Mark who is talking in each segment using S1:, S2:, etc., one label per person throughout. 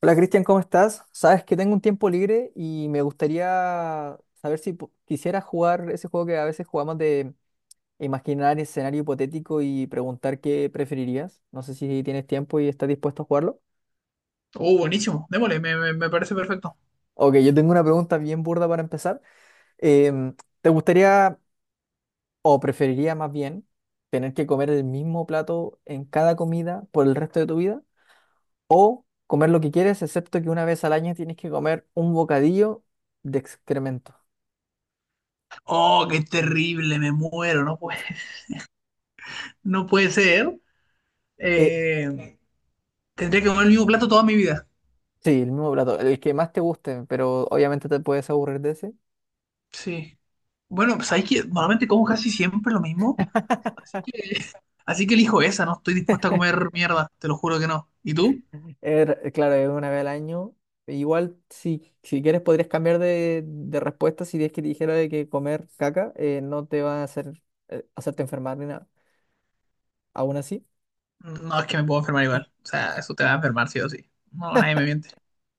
S1: Hola Cristian, ¿cómo estás? Sabes que tengo un tiempo libre y me gustaría saber si quisieras jugar ese juego que a veces jugamos de imaginar escenario hipotético y preguntar qué preferirías. No sé si tienes tiempo y estás dispuesto a jugarlo.
S2: Oh, buenísimo. Démosle, me parece perfecto.
S1: Ok, yo tengo una pregunta bien burda para empezar. Em, ¿Te gustaría o preferiría más bien tener que comer el mismo plato en cada comida por el resto de tu vida? ¿O comer lo que quieres, excepto que una vez al año tienes que comer un bocadillo de excremento?
S2: Oh, qué terrible, me muero. No puede, no puede ser.
S1: Eh,
S2: Eh, tendría que comer el mismo plato toda mi vida.
S1: Sí, el mismo plato, el que más te guste, pero obviamente te puedes aburrir de ese.
S2: Sí. Bueno, pues hay que normalmente como casi siempre lo mismo. Así que, así que elijo esa, no estoy dispuesta a comer mierda, te lo juro que no. ¿Y tú?
S1: Claro, es una vez al año. Igual, si quieres, podrías cambiar de respuesta si es que te dijera de que comer caca no te va a hacer hacerte enfermar ni nada. Aún así,
S2: No, es que me puedo enfermar igual. O sea, eso te va a enfermar sí o sí. No, nadie me miente.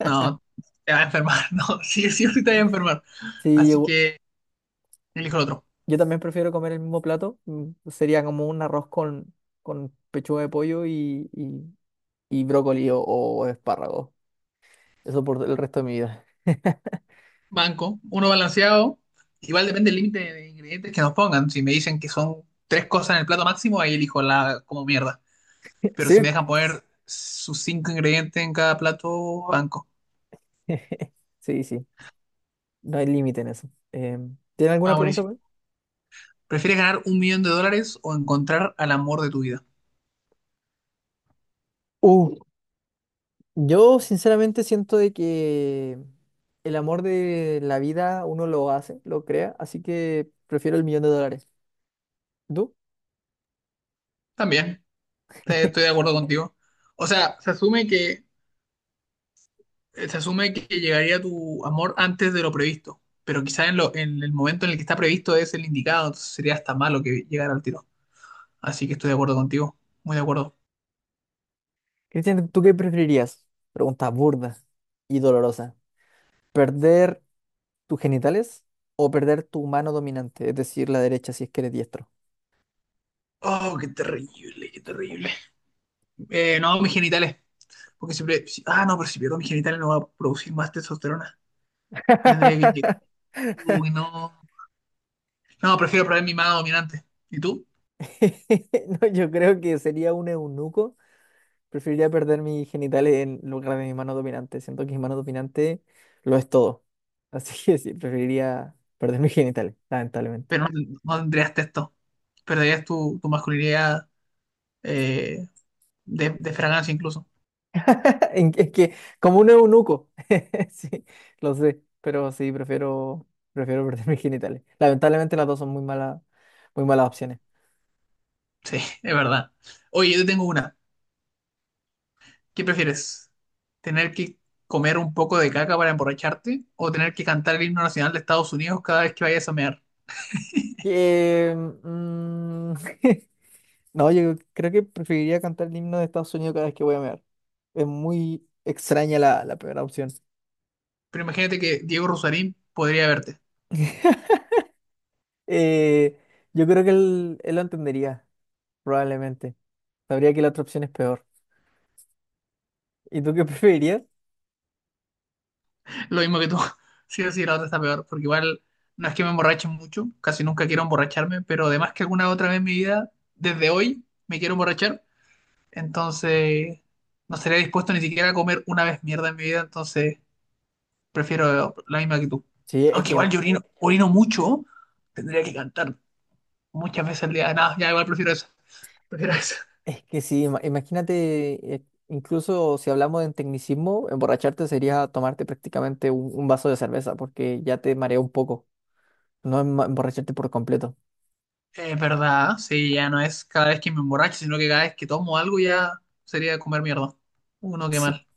S2: No, te va a enfermar. No, sí, sí o sí te va a enfermar.
S1: sí,
S2: Así
S1: yo,
S2: que elijo el otro.
S1: yo también prefiero comer el mismo plato. Sería como un arroz con pechuga de pollo y brócoli o espárragos. Eso por el resto de mi vida.
S2: Banco, uno balanceado. Igual depende del límite de ingredientes que nos pongan. Si me dicen que son tres cosas en el plato máximo, ahí elijo la como mierda. Pero
S1: Sí.
S2: si me dejan poner sus cinco ingredientes en cada plato, banco.
S1: Sí, sí. No hay límite en eso. ¿Tiene alguna
S2: Ah,
S1: pregunta
S2: buenísimo.
S1: para mí?
S2: ¿Prefieres ganar un millón de dólares o encontrar al amor de tu vida?
S1: Uh, yo sinceramente siento de que el amor de la vida uno lo hace, lo crea, así que prefiero el millón de dólares. ¿Tú?
S2: También, estoy de acuerdo contigo. O sea, se asume que llegaría tu amor antes de lo previsto. Pero quizás en, en el momento en el que está previsto es el indicado, entonces sería hasta malo que llegara al tiro. Así que estoy de acuerdo contigo, muy de acuerdo.
S1: Cristian, ¿tú qué preferirías? Pregunta burda y dolorosa. ¿Perder tus genitales o perder tu mano dominante, es decir, la derecha si es que eres diestro?
S2: Oh, qué terrible, qué terrible. No, mis genitales, porque siempre... Ah, no, pero si pierdo mis genitales no va a producir más testosterona. Me tendría que inyectar. Uy, no. No, prefiero probar mi mano dominante. ¿Y tú?
S1: No, yo creo que sería un eunuco. Preferiría perder mis genitales en lugar de mi mano dominante. Siento que mi mano dominante lo es todo. Así que sí, preferiría perder mis genitales, lamentablemente.
S2: Pero no, no tendrías testo. Perderías tu masculinidad eh, de fragancia incluso.
S1: Es que, como un eunuco, sí, lo sé, pero sí, prefiero perder mis genitales. Lamentablemente las dos son muy malas opciones.
S2: Sí, es verdad. Oye, yo te tengo una. ¿Qué prefieres? ¿Tener que comer un poco de caca para emborracharte o tener que cantar el himno nacional de Estados Unidos cada vez que vayas a mear?
S1: Eh, mm, no, yo creo que preferiría cantar el himno de Estados Unidos cada vez que voy a mear. Es muy extraña la primera opción.
S2: Pero imagínate que Diego Rosarín podría verte.
S1: Eh, yo creo que él lo entendería, probablemente. Sabría que la otra opción es peor. ¿Y tú qué preferirías?
S2: Lo mismo que tú. Sí o sí, la otra está peor. Porque igual no es que me emborrache mucho. Casi nunca quiero emborracharme. Pero además que alguna otra vez en mi vida, desde hoy, me quiero emborrachar. Entonces, no estaría dispuesto ni siquiera a comer una vez mierda en mi vida. Entonces, prefiero la misma que tú.
S1: Sí,
S2: Aunque igual yo orino, orino mucho. Tendría que cantar muchas veces al día. Nada, ya igual prefiero eso. Prefiero
S1: eh,
S2: eso.
S1: es que sí, imagínate, incluso si hablamos de tecnicismo, emborracharte sería tomarte prácticamente un vaso de cerveza, porque ya te marea un poco, no emborracharte por completo.
S2: Es verdad, sí, ya no es cada vez que me emborracho, sino que cada vez que tomo algo ya sería comer mierda. Uno, qué
S1: Sí.
S2: mal.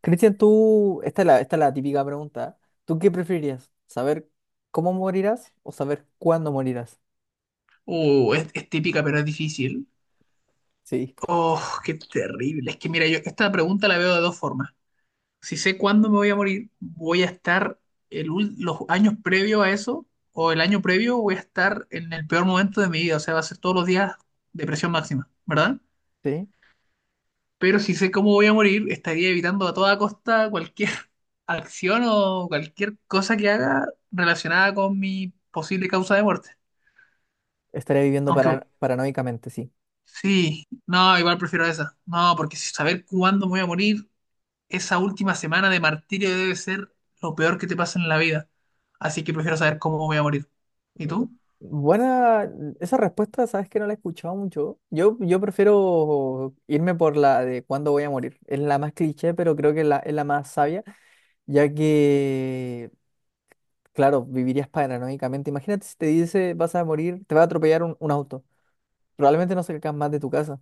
S1: Cristian, tú, esta es la típica pregunta. ¿Tú qué preferirías? ¿Saber cómo morirás o saber cuándo morirás?
S2: Es típica, pero es difícil.
S1: Sí.
S2: Oh, qué terrible. Es que mira, yo esta pregunta la veo de dos formas. Si sé cuándo me voy a morir, voy a estar los años previos a eso, o el año previo voy a estar en el peor momento de mi vida. O sea, va a ser todos los días depresión máxima, ¿verdad?
S1: Sí,
S2: Pero si sé cómo voy a morir, estaría evitando a toda costa cualquier acción o cualquier cosa que haga relacionada con mi posible causa de muerte.
S1: estaría viviendo
S2: Aunque
S1: paranoicamente, sí.
S2: sí, no, igual prefiero esa. No, porque si saber cuándo me voy a morir, esa última semana de martirio debe ser lo peor que te pasa en la vida. Así que prefiero saber cómo voy a morir. ¿Y tú?
S1: Buena, esa respuesta, sabes que no la he escuchado mucho. Yo prefiero irme por la de cuándo voy a morir. Es la más cliché, pero creo que es la más sabia, ya que, claro, vivirías paranoicamente. Imagínate si te dice vas a morir, te va a atropellar un auto. Probablemente no salgas más de tu casa.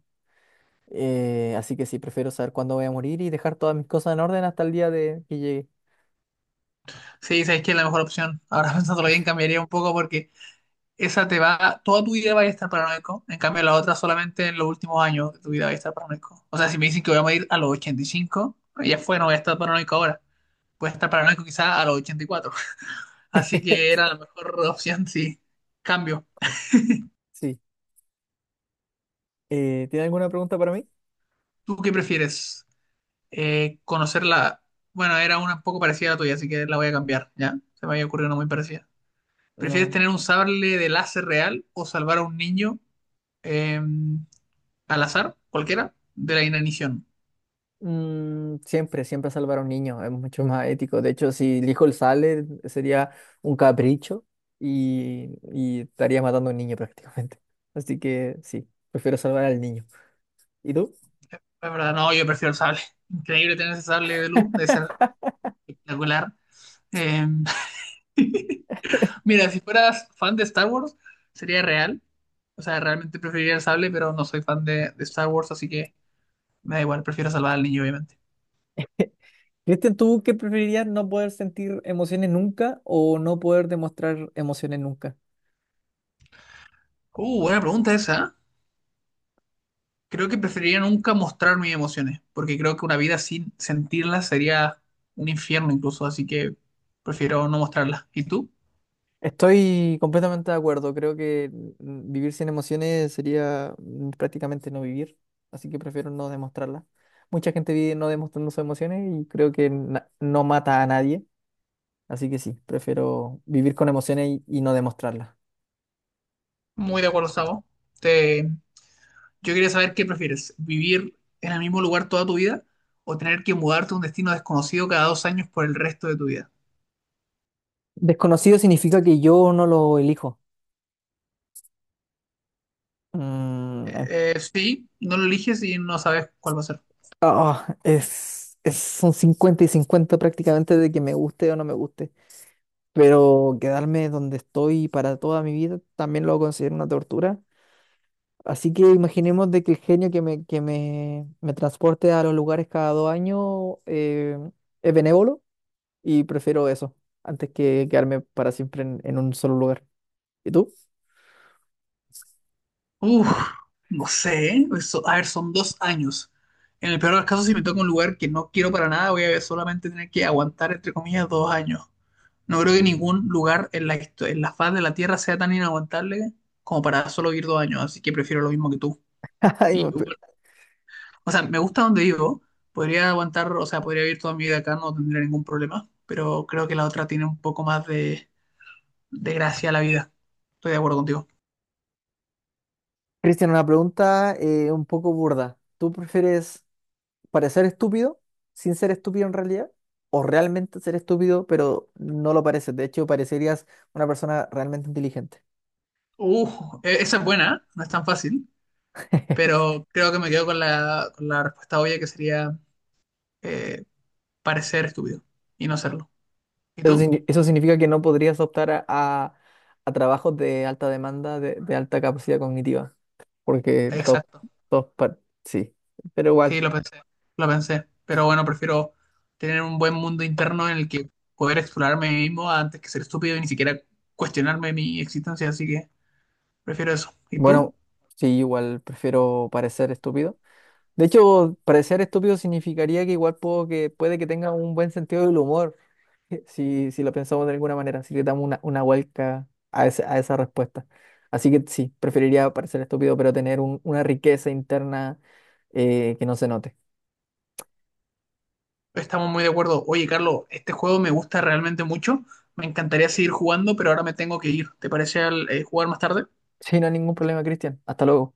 S1: Así que sí, prefiero saber cuándo voy a morir y dejar todas mis cosas en orden hasta el día de que llegue.
S2: Sí, sabes que es la mejor opción. Ahora pensándolo bien, cambiaría un poco porque esa te va, toda tu vida vas a estar paranoico, en cambio la otra solamente en los últimos años de tu vida vas a estar paranoico. O sea, si me dicen que voy a morir a los 85 ya fue, no voy a estar paranoico ahora. Voy a estar paranoico quizás a los 84. Así que era la mejor opción, sí. Cambio.
S1: Sí. ¿Tiene alguna pregunta para mí?
S2: ¿Tú qué prefieres? Conocer la... Bueno, era una un poco parecida a la tuya, así que la voy a cambiar, ¿ya? Se me había ocurrido una muy parecida. ¿Prefieres
S1: No.
S2: tener un sable de láser real o salvar a un niño eh, al azar, cualquiera, de la inanición?
S1: Mm, siempre, siempre salvar a un niño es mucho más ético. De hecho, si el hijo sale, sería un capricho y estaría matando a un niño prácticamente. Así que sí, prefiero salvar al niño. ¿Y tú?
S2: La verdad, no, yo prefiero el sable. Increíble tener ese sable de luz, debe ser espectacular. Eh, mira, si fueras fan de Star Wars, sería real. O sea, realmente preferiría el sable, pero no soy fan de, Star Wars, así que me da igual, prefiero salvar al niño, obviamente.
S1: Cristian, ¿tú qué preferirías no poder sentir emociones nunca o no poder demostrar emociones nunca?
S2: Buena pregunta esa. Creo que preferiría nunca mostrar mis emociones, porque creo que una vida sin sentirlas sería un infierno incluso, así que prefiero no mostrarlas. ¿Y tú?
S1: Estoy completamente de acuerdo. Creo que vivir sin emociones sería prácticamente no vivir, así que prefiero no demostrarlas. Mucha gente vive no demostrando sus emociones y creo que no mata a nadie, así que sí, prefiero vivir con emociones y no demostrarlas.
S2: Muy de acuerdo, Sabo. Te, Yo quería saber qué prefieres, vivir en el mismo lugar toda tu vida o tener que mudarte a un destino desconocido cada 2 años por el resto de tu vida.
S1: Desconocido significa que yo no lo elijo. Mm,
S2: Sí, no lo eliges y no sabes cuál va a ser.
S1: ah, es un 50 y 50 prácticamente de que me guste o no me guste, pero quedarme donde estoy para toda mi vida también lo considero una tortura. Así que imaginemos de que el genio me transporte a los lugares cada 2 años es benévolo y prefiero eso antes que quedarme para siempre en un solo lugar. ¿Y tú?
S2: Uf, no sé, ¿eh? A ver, son 2 años. En el peor de los casos, si me toca un lugar que no quiero para nada, voy a solamente tener que aguantar, entre comillas, 2 años. No creo que ningún lugar en la, en la faz de la Tierra sea tan inaguantable como para solo vivir 2 años, así que prefiero lo mismo que tú.
S1: Ay,
S2: Y, o sea, me gusta donde vivo. Podría aguantar, o sea, podría vivir toda mi vida acá, no tendría ningún problema. Pero creo que la otra tiene un poco más de, gracia a la vida. Estoy de acuerdo contigo.
S1: Cristian, una pregunta un poco burda. ¿Tú prefieres parecer estúpido sin ser estúpido en realidad? ¿O realmente ser estúpido pero no lo pareces? De hecho, parecerías una persona realmente inteligente.
S2: Esa es buena, ¿eh? No es tan fácil. Pero creo que me quedo con la respuesta obvia que sería eh, parecer estúpido y no serlo. ¿Y
S1: Eso,
S2: tú?
S1: signi- eso significa que no podrías optar a trabajos de alta demanda, de alta capacidad cognitiva, porque
S2: Exacto.
S1: top, par- sí, pero
S2: Sí,
S1: igual,
S2: lo pensé. Lo pensé. Pero bueno, prefiero tener un buen mundo interno en el que poder explorarme a mí mismo antes que ser estúpido y ni siquiera cuestionarme mi existencia. Así que. Prefiero eso. ¿Y tú?
S1: bueno, sí, igual prefiero parecer estúpido. De hecho, parecer estúpido significaría que igual puede que tenga un buen sentido del humor, si lo pensamos de alguna manera, si le damos una vuelta a esa respuesta. Así que sí, preferiría parecer estúpido, pero tener una riqueza interna que no se note.
S2: Estamos muy de acuerdo. Oye, Carlos, este juego me gusta realmente mucho. Me encantaría seguir jugando, pero ahora me tengo que ir. ¿Te parece jugar más tarde?
S1: Sí, no hay ningún problema, Cristian. Hasta luego.